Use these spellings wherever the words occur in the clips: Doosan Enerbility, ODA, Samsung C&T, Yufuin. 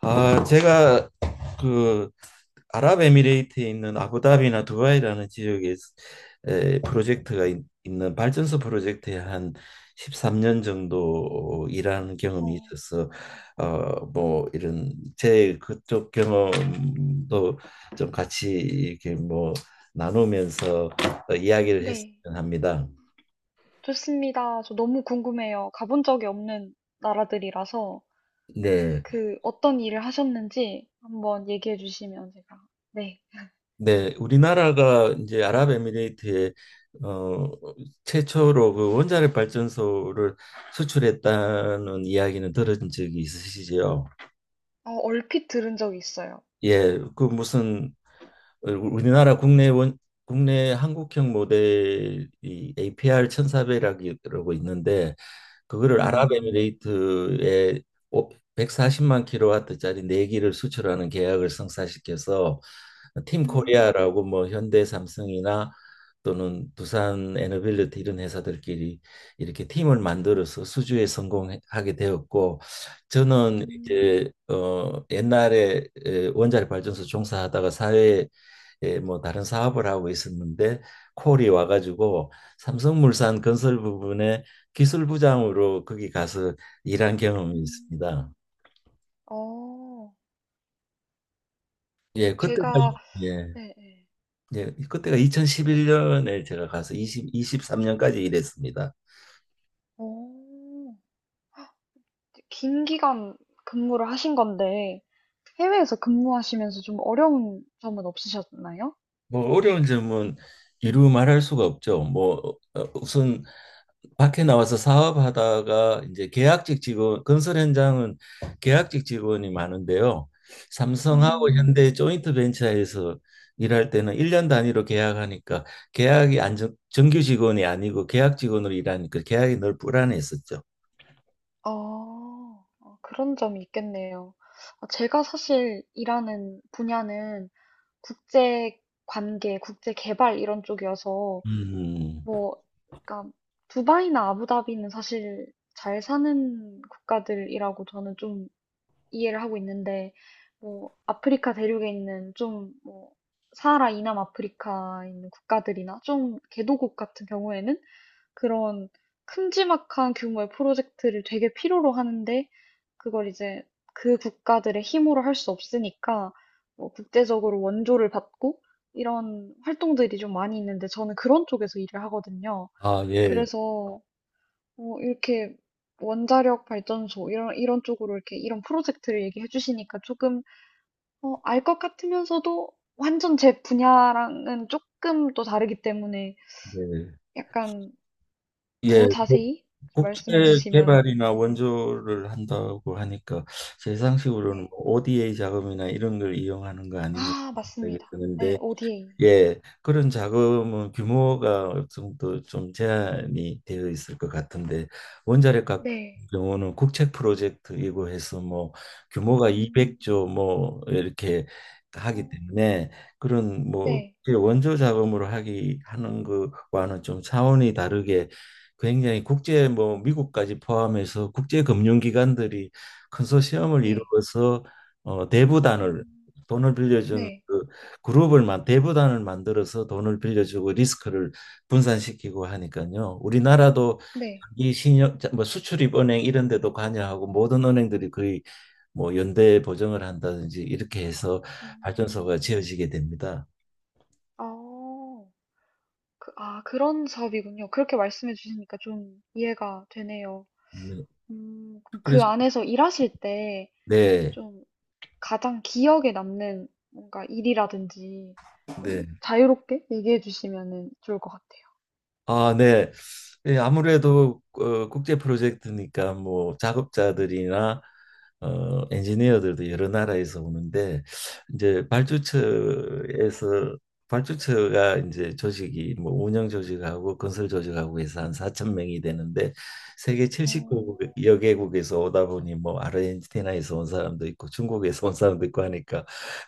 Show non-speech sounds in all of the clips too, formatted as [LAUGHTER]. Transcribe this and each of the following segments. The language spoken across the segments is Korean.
아, 제가 그 아랍에미레이트에 있는 아부다비나 두바이라는 지역에 프로젝트가 있, 는 발전소 프로젝트에 한 13년 정도 일하는 경험이 어, 있어서 뭐 이런 제 그쪽 경험도 좀 같이 이렇게 뭐 나누면서 이야기를 네, 했으면 합니다. 좋습니다. 저 너무 궁금해요. 가본 적이 없는 나라들이라서 네. 그 어떤 일을 하셨는지 한번 얘기해 주시면 제가 네, 네, 우리나라가 이제 아랍에미레이트에 어, 최초로 그 원자력 발전소를 수출했다는 이야기는 들은 적이 있으시죠? 어, 얼핏 들은 적이 있어요. 예, 그 무슨 우리나라 국내 원 국내 한국형 모델이 APR 1400이라고 있는데 그거를, 네, 음, 아랍에미레이트에 오- 140만 킬로와트짜리 네기를 수출하는 계약을 성사시켜서, 팀 음, 코리아라고 뭐 현대 삼성이나 또는 두산 에너빌리티 이런 회사들끼리 이렇게 팀을 만들어서 수주에 성공하게 되었고, 저는 음, 이제 옛날에 원자력 발전소 종사하다가 사회에, 예, 뭐 다른 사업을 하고 있었는데 콜이 와가지고 삼성물산 건설 부분에 기술부장으로 거기 가서 일한 경험이 있습니다. 음, 어, 예, 그때가 제가 예, 네, 네. 예, 그때가 2011년에 제가 가서 23년까지 일했습니다. 어, 긴 기간 근무를 하신 건데 해외에서 근무하시면서 좀 어려운 점은 없으셨나요? 뭐 어려운 점은 이루 말할 수가 없죠. 뭐 우선 밖에 나와서 사업하다가 이제 계약직 직원, 건설 현장은 계약직 직원이 많은데요. 삼성하고 음, 현대 조인트 벤처에서 일할 때는 일년 단위로 계약하니까, 계약이 정규 직원이 아니고 계약 직원으로 일하니까 계약이 늘 불안했었죠. 어. 어, 그런 점이 있겠네요. 어, 제가 사실 일하는 분야는 국제 관계, 국제 개발 이런 쪽이어서 음. 뭐 그러니까 두바이나 아부다비는 사실 잘 사는 국가들이라고 저는 좀 이해를 하고 있는데 뭐 아프리카 대륙에 있는 좀뭐 사하라 이남 아프리카에 있는 국가들이나 좀 개도국 같은 경우에는 그런 큼지막한 규모의 프로젝트를 되게 필요로 하는데 그걸 이제 그 국가들의 힘으로 할 수 없으니까 뭐 국제적으로 원조를 받고 이런 활동들이 좀 많이 있는데 저는 그런 쪽에서 일을 하거든요. 아, 예. 그래서 어, 이렇게 원자력 발전소 이런 쪽으로 이렇게 이런 프로젝트를 얘기해 주시니까 조금 어, 알것 같으면서도 완전 제 분야랑은 조금 또 다르기 때문에 예. 약간 예, 더 뭐 자세히 국제 말씀해 주시면 개발이나 네. 원조를 한다고 하니까 제 상식으로는 뭐 네. ODA 자금이나 이런 걸 이용하는 거 아닌가 아, 생각이 맞습니다. 네, 드는데, ODA. 예, 그런 자금은 규모가 어느 정도 좀 제한이 되어 있을 것 같은데, 원자력 같은 네. 경우는 국책 프로젝트이고 해서 뭐 규모가 음. 200조 뭐 이렇게 하기 어. 때문에 그런 뭐 네. 이게 원조 자금으로 하기 하는 것과는 좀 차원이 다르게, 굉장히 국제 뭐 미국까지 포함해서 국제 금융기관들이 컨소시엄을 네. 이루어서 대부단을, 음. 돈을 빌려준 네. 그 그룹을 만 대부단을 만들어서 돈을 빌려주고 리스크를 분산시키고 하니까요. 우리나라도 네. 이 신용 뭐 수출입은행 이런 데도 관여하고 모든 은행들이 거의 뭐 연대 보증을 한다든지 이렇게 해서 발전소가 음. 지어지게 됩니다. 아, 그 아 그런 사업이군요. 그렇게 말씀해 주시니까 좀 이해가 되네요. 네. 음, 그럼 그 그래서, 안에서 일하실 때 네. 좀 가장 기억에 남는 뭔가 일이라든지 네. 좀 자유롭게 얘기해 주시면은 좋을 것 같아요. 아, 네. 예, 아무래도 국제 프로젝트니까 뭐 작업자들이나 엔지니어들도 여러 나라에서 오는데, 이제 발주처에서 발주처가 이제 조직이 뭐 운영 조직하고 건설 조직하고 해서 한 4천 명이 되는데, 세계 오, 70여 개국에서 오다 보니 뭐 아르헨티나에서 온 사람도 있고 중국에서 온 사람도 있고 하니까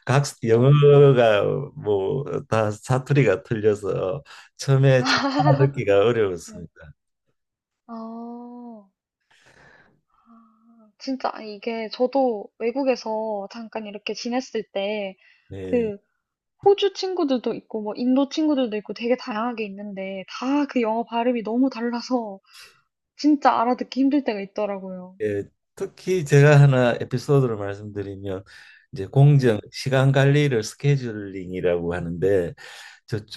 각 오, 영어가 뭐 다 사투리가 틀려서 처음에 [LAUGHS] 찾기가 네. 어려웠습니다. 어. 아, 진짜 아, 이게 저도 외국에서 잠깐 이렇게 지냈을 때 네. 그 호주 친구들도 있고 뭐 인도 친구들도 있고 되게 다양하게 있는데 다 그 영어 발음이 너무 달라서 진짜 알아듣기 힘들 때가 있더라고요. 예, 특히 제가 하나 에피소드를 말씀드리면, 이제 공정 네, 시간 관리를 스케줄링이라고 하는데,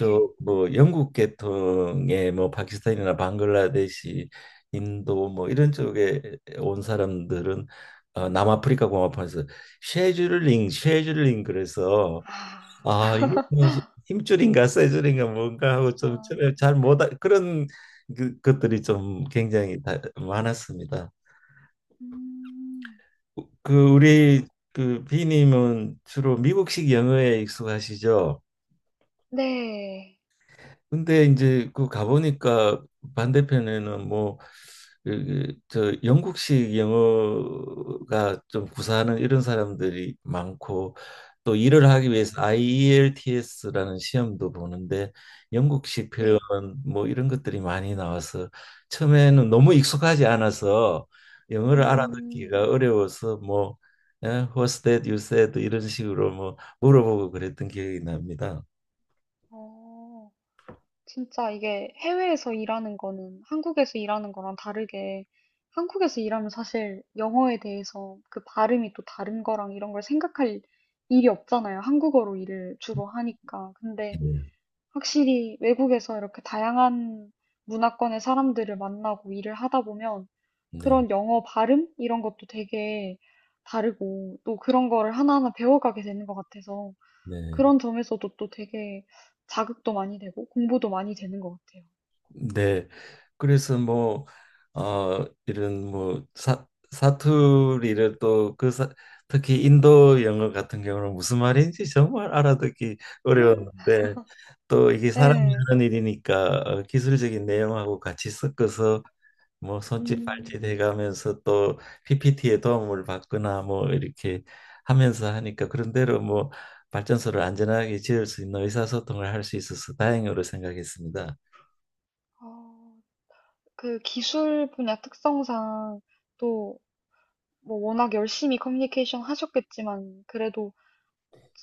네. 뭐 영국 계통의 뭐 파키스탄이나 방글라데시, 인도 뭐 이런 쪽에 온 사람들은 남아프리카 공화국에서 쉐줄링, 쉐줄링 그래서, 아, 아, 이게 뭐 힘줄인가 쇠줄인가 뭔가 하고 아, 좀 잘못 그런 것들이 좀 굉장히 많았습니다. 음, 그 우리 그 비님은 주로 미국식 영어에 익숙하시죠? 네, 근데 이제 그 가보니까 반대편에는 뭐 그 영국식 영어가 좀 구사하는 이런 사람들이 많고, 또 일을 하기 어, 위해서 IELTS라는 시험도 보는데 영국식 표현 네, 뭐 이런 것들이 많이 나와서 처음에는 너무 익숙하지 않아서 영어를 음, 알아듣기가 어려워서 뭐, 예, What's that you said 이런 식으로 뭐 물어보고 그랬던 기억이 납니다. 어. 진짜 이게 해외에서 일하는 거는 한국에서 일하는 거랑 다르게 한국에서 일하면 사실 영어에 대해서 그 발음이 또 다른 거랑 이런 걸 생각할 일이 없잖아요. 한국어로 일을 주로 하니까. 근데 네, 확실히 외국에서 이렇게 다양한 문화권의 사람들을 만나고 일을 하다 보면 네, 그런 영어 발음 이런 것도 되게 다르고 또 그런 거를 하나하나 배워가게 되는 것 같아서 네. 그런 점에서도 또 되게 자극도 많이 되고 공부도 많이 되는 것 같아요. 네. 그래서 뭐, 이런 뭐 사투리를 또 그, 특히 인도 영어 같은 경우는 무슨 말인지 정말 알아듣기 음, 어려웠는데, 또 이게 사람이 네. 하는 일이니까 기술적인 내용하고 같이 섞어서 뭐 손짓 발짓 음. 해가면서, 또 PPT의 도움을 받거나 뭐 이렇게 하면서 하니까 그런대로 뭐 발전소를 안전하게 지을 수 있는 의사소통을 할 수 있어서 다행으로 생각했습니다. 어, 그 기술 분야 특성상 또 뭐 워낙 열심히 커뮤니케이션 하셨겠지만 그래도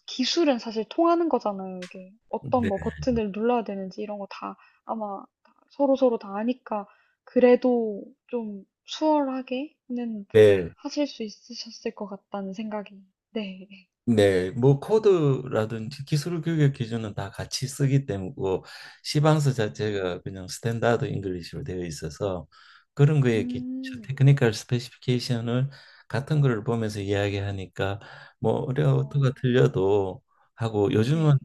기술은 사실 통하는 거잖아요. 이게 어떤 뭐 네. 버튼을 눌러야 되는지 이런 거 다 아마 서로서로 다 아니까 그래도 좀 수월하게는 네, 하실 수 있으셨을 것 같다는 생각이. 네. 네, 뭐 코드라든지 기술 교육 기준은 다 같이 쓰기 때문에 뭐 시방서 어, 자체가 그냥 스탠다드 잉글리시로 되어 있어서 그런 거에 기, 음. 테크니컬 스페시피케이션을 같은 거를 보면서 이야기하니까 뭐 어려도가 어, 틀려도 하고, 요즘은 네.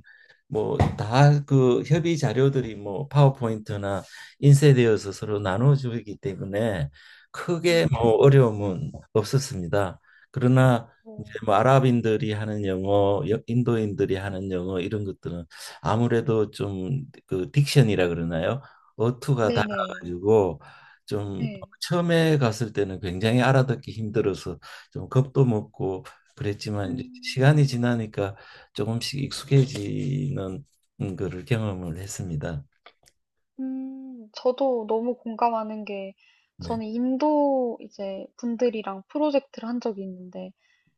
뭐 다 그 협의 자료들이 뭐 파워포인트나 인쇄되어서 서로 나눠주기 때문에 크게 뭐 음. 어려움은 없었습니다. 그러나 어, 이제 뭐 아랍인들이 하는 영어, 인도인들이 하는 영어 이런 것들은 아무래도 좀 그 딕션이라 그러나요? 어투가 네네. 달라가지고 좀 네. 처음에 갔을 때는 굉장히 알아듣기 힘들어서 좀 겁도 먹고 그랬지만, 이제 음, 시간이 지나니까 조금씩 익숙해지는 거를 경험을 했습니다. 저도 너무 공감하는 게, 네, 저는 인도 이제 분들이랑 프로젝트를 한 적이 있는데,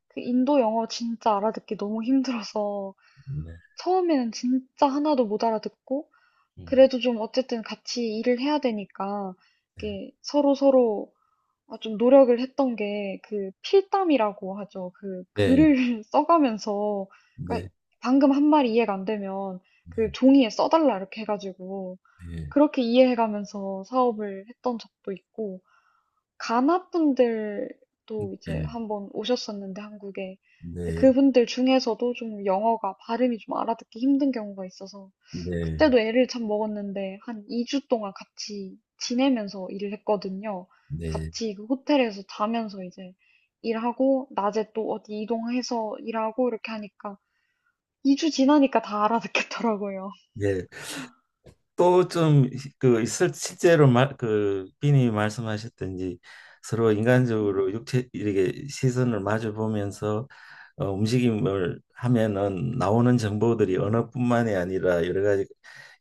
그 인도 영어 진짜 알아듣기 너무 힘들어서, 네, 처음에는 진짜 하나도 못 알아듣고, 음, 그래도 좀 어쨌든 같이 일을 해야 되니까, 이게 서로 서로 아, 좀 노력을 했던 게, 그 필담이라고 하죠. 그 네, 글을 [LAUGHS] 써가면서, 네, 네, 그러니까 방금 한 말이 이해가 안 되면, 그 종이에 써달라 이렇게 해가지고, 네, 그렇게 이해해 가면서 사업을 했던 적도 있고, 가나 분들도 이제 네, 한번 오셨었는데, 한국에. 근데 네, 그분들 중에서도 좀 영어가 발음이 좀 알아듣기 힘든 경우가 있어서, 네, 그때도 애를 참 먹었는데, 한 2주 동안 같이 지내면서 일을 했거든요. 네, 같이 그 호텔에서 자면서 이제 일하고, 낮에 또 어디 이동해서 일하고, 이렇게 하니까, 2주 지나니까 다 알아듣겠더라고요. 네. 또 좀 그 실제로 그 비님이 말씀하셨던지 서로 네, 인간적으로 육체 이렇게 시선을 마주 보면서 움직임을 하면은 나오는 정보들이 네, 언어뿐만이 아니라 여러 가지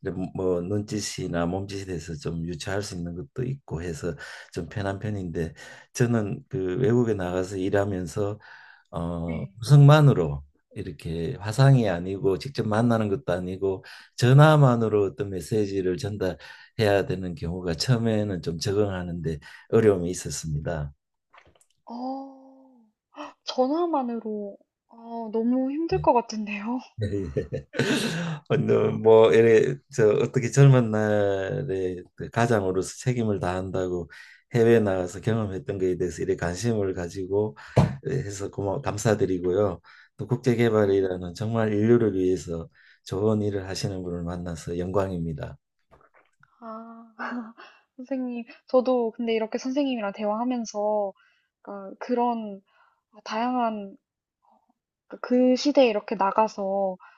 이런 뭐 눈짓이나 몸짓에 대해서 좀 유추할 수 있는 것도 있고 해서 좀 편한 편인데, 저는 그 외국에 나가서 일하면서 네. 네. 음성만으로, 이렇게 화상이 아니고 직접 만나는 것도 아니고 전화만으로 어떤 메시지를 전달해야 되는 경우가 처음에는 좀 적응하는데 어려움이 있었습니다. 어. 전화만으로 아, 너무 힘들 네. 것 같은데요. [LAUGHS] 근데 뭐 이래 저 어떻게 젊은 날에 그 가장으로서 책임을 다한다고 해외 나가서 경험했던 거에 대해서 이래 관심을 가지고, 네, 해서 고마 감사드리고요. 또 네. 국제개발이라는 정말 인류를 위해서 좋은 일을 하시는 분을 만나서 영광입니다. 아, [LAUGHS] 선생님, 저도 근데 이렇게 선생님이랑 대화하면서 그러니까 그런 다양한 그그 시대에 이렇게 나가서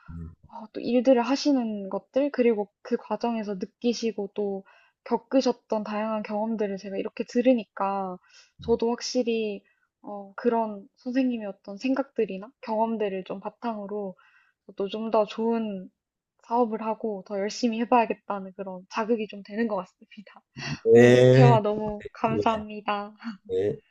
네. 어, 또 일들을 하시는 것들, 그리고 그 과정에서 느끼시고 또 겪으셨던 다양한 경험들을 제가 이렇게 들으니까 저도 확실히 어, 그런 선생님의 어떤 생각들이나 경험들을 좀 바탕으로 또 좀 더 좋은 사업을 하고 더 열심히 해봐야겠다는 그런 자극이 좀 되는 것 같습니다. [LAUGHS] 오늘 네. 대화 너무 네. 감사합니다. 네.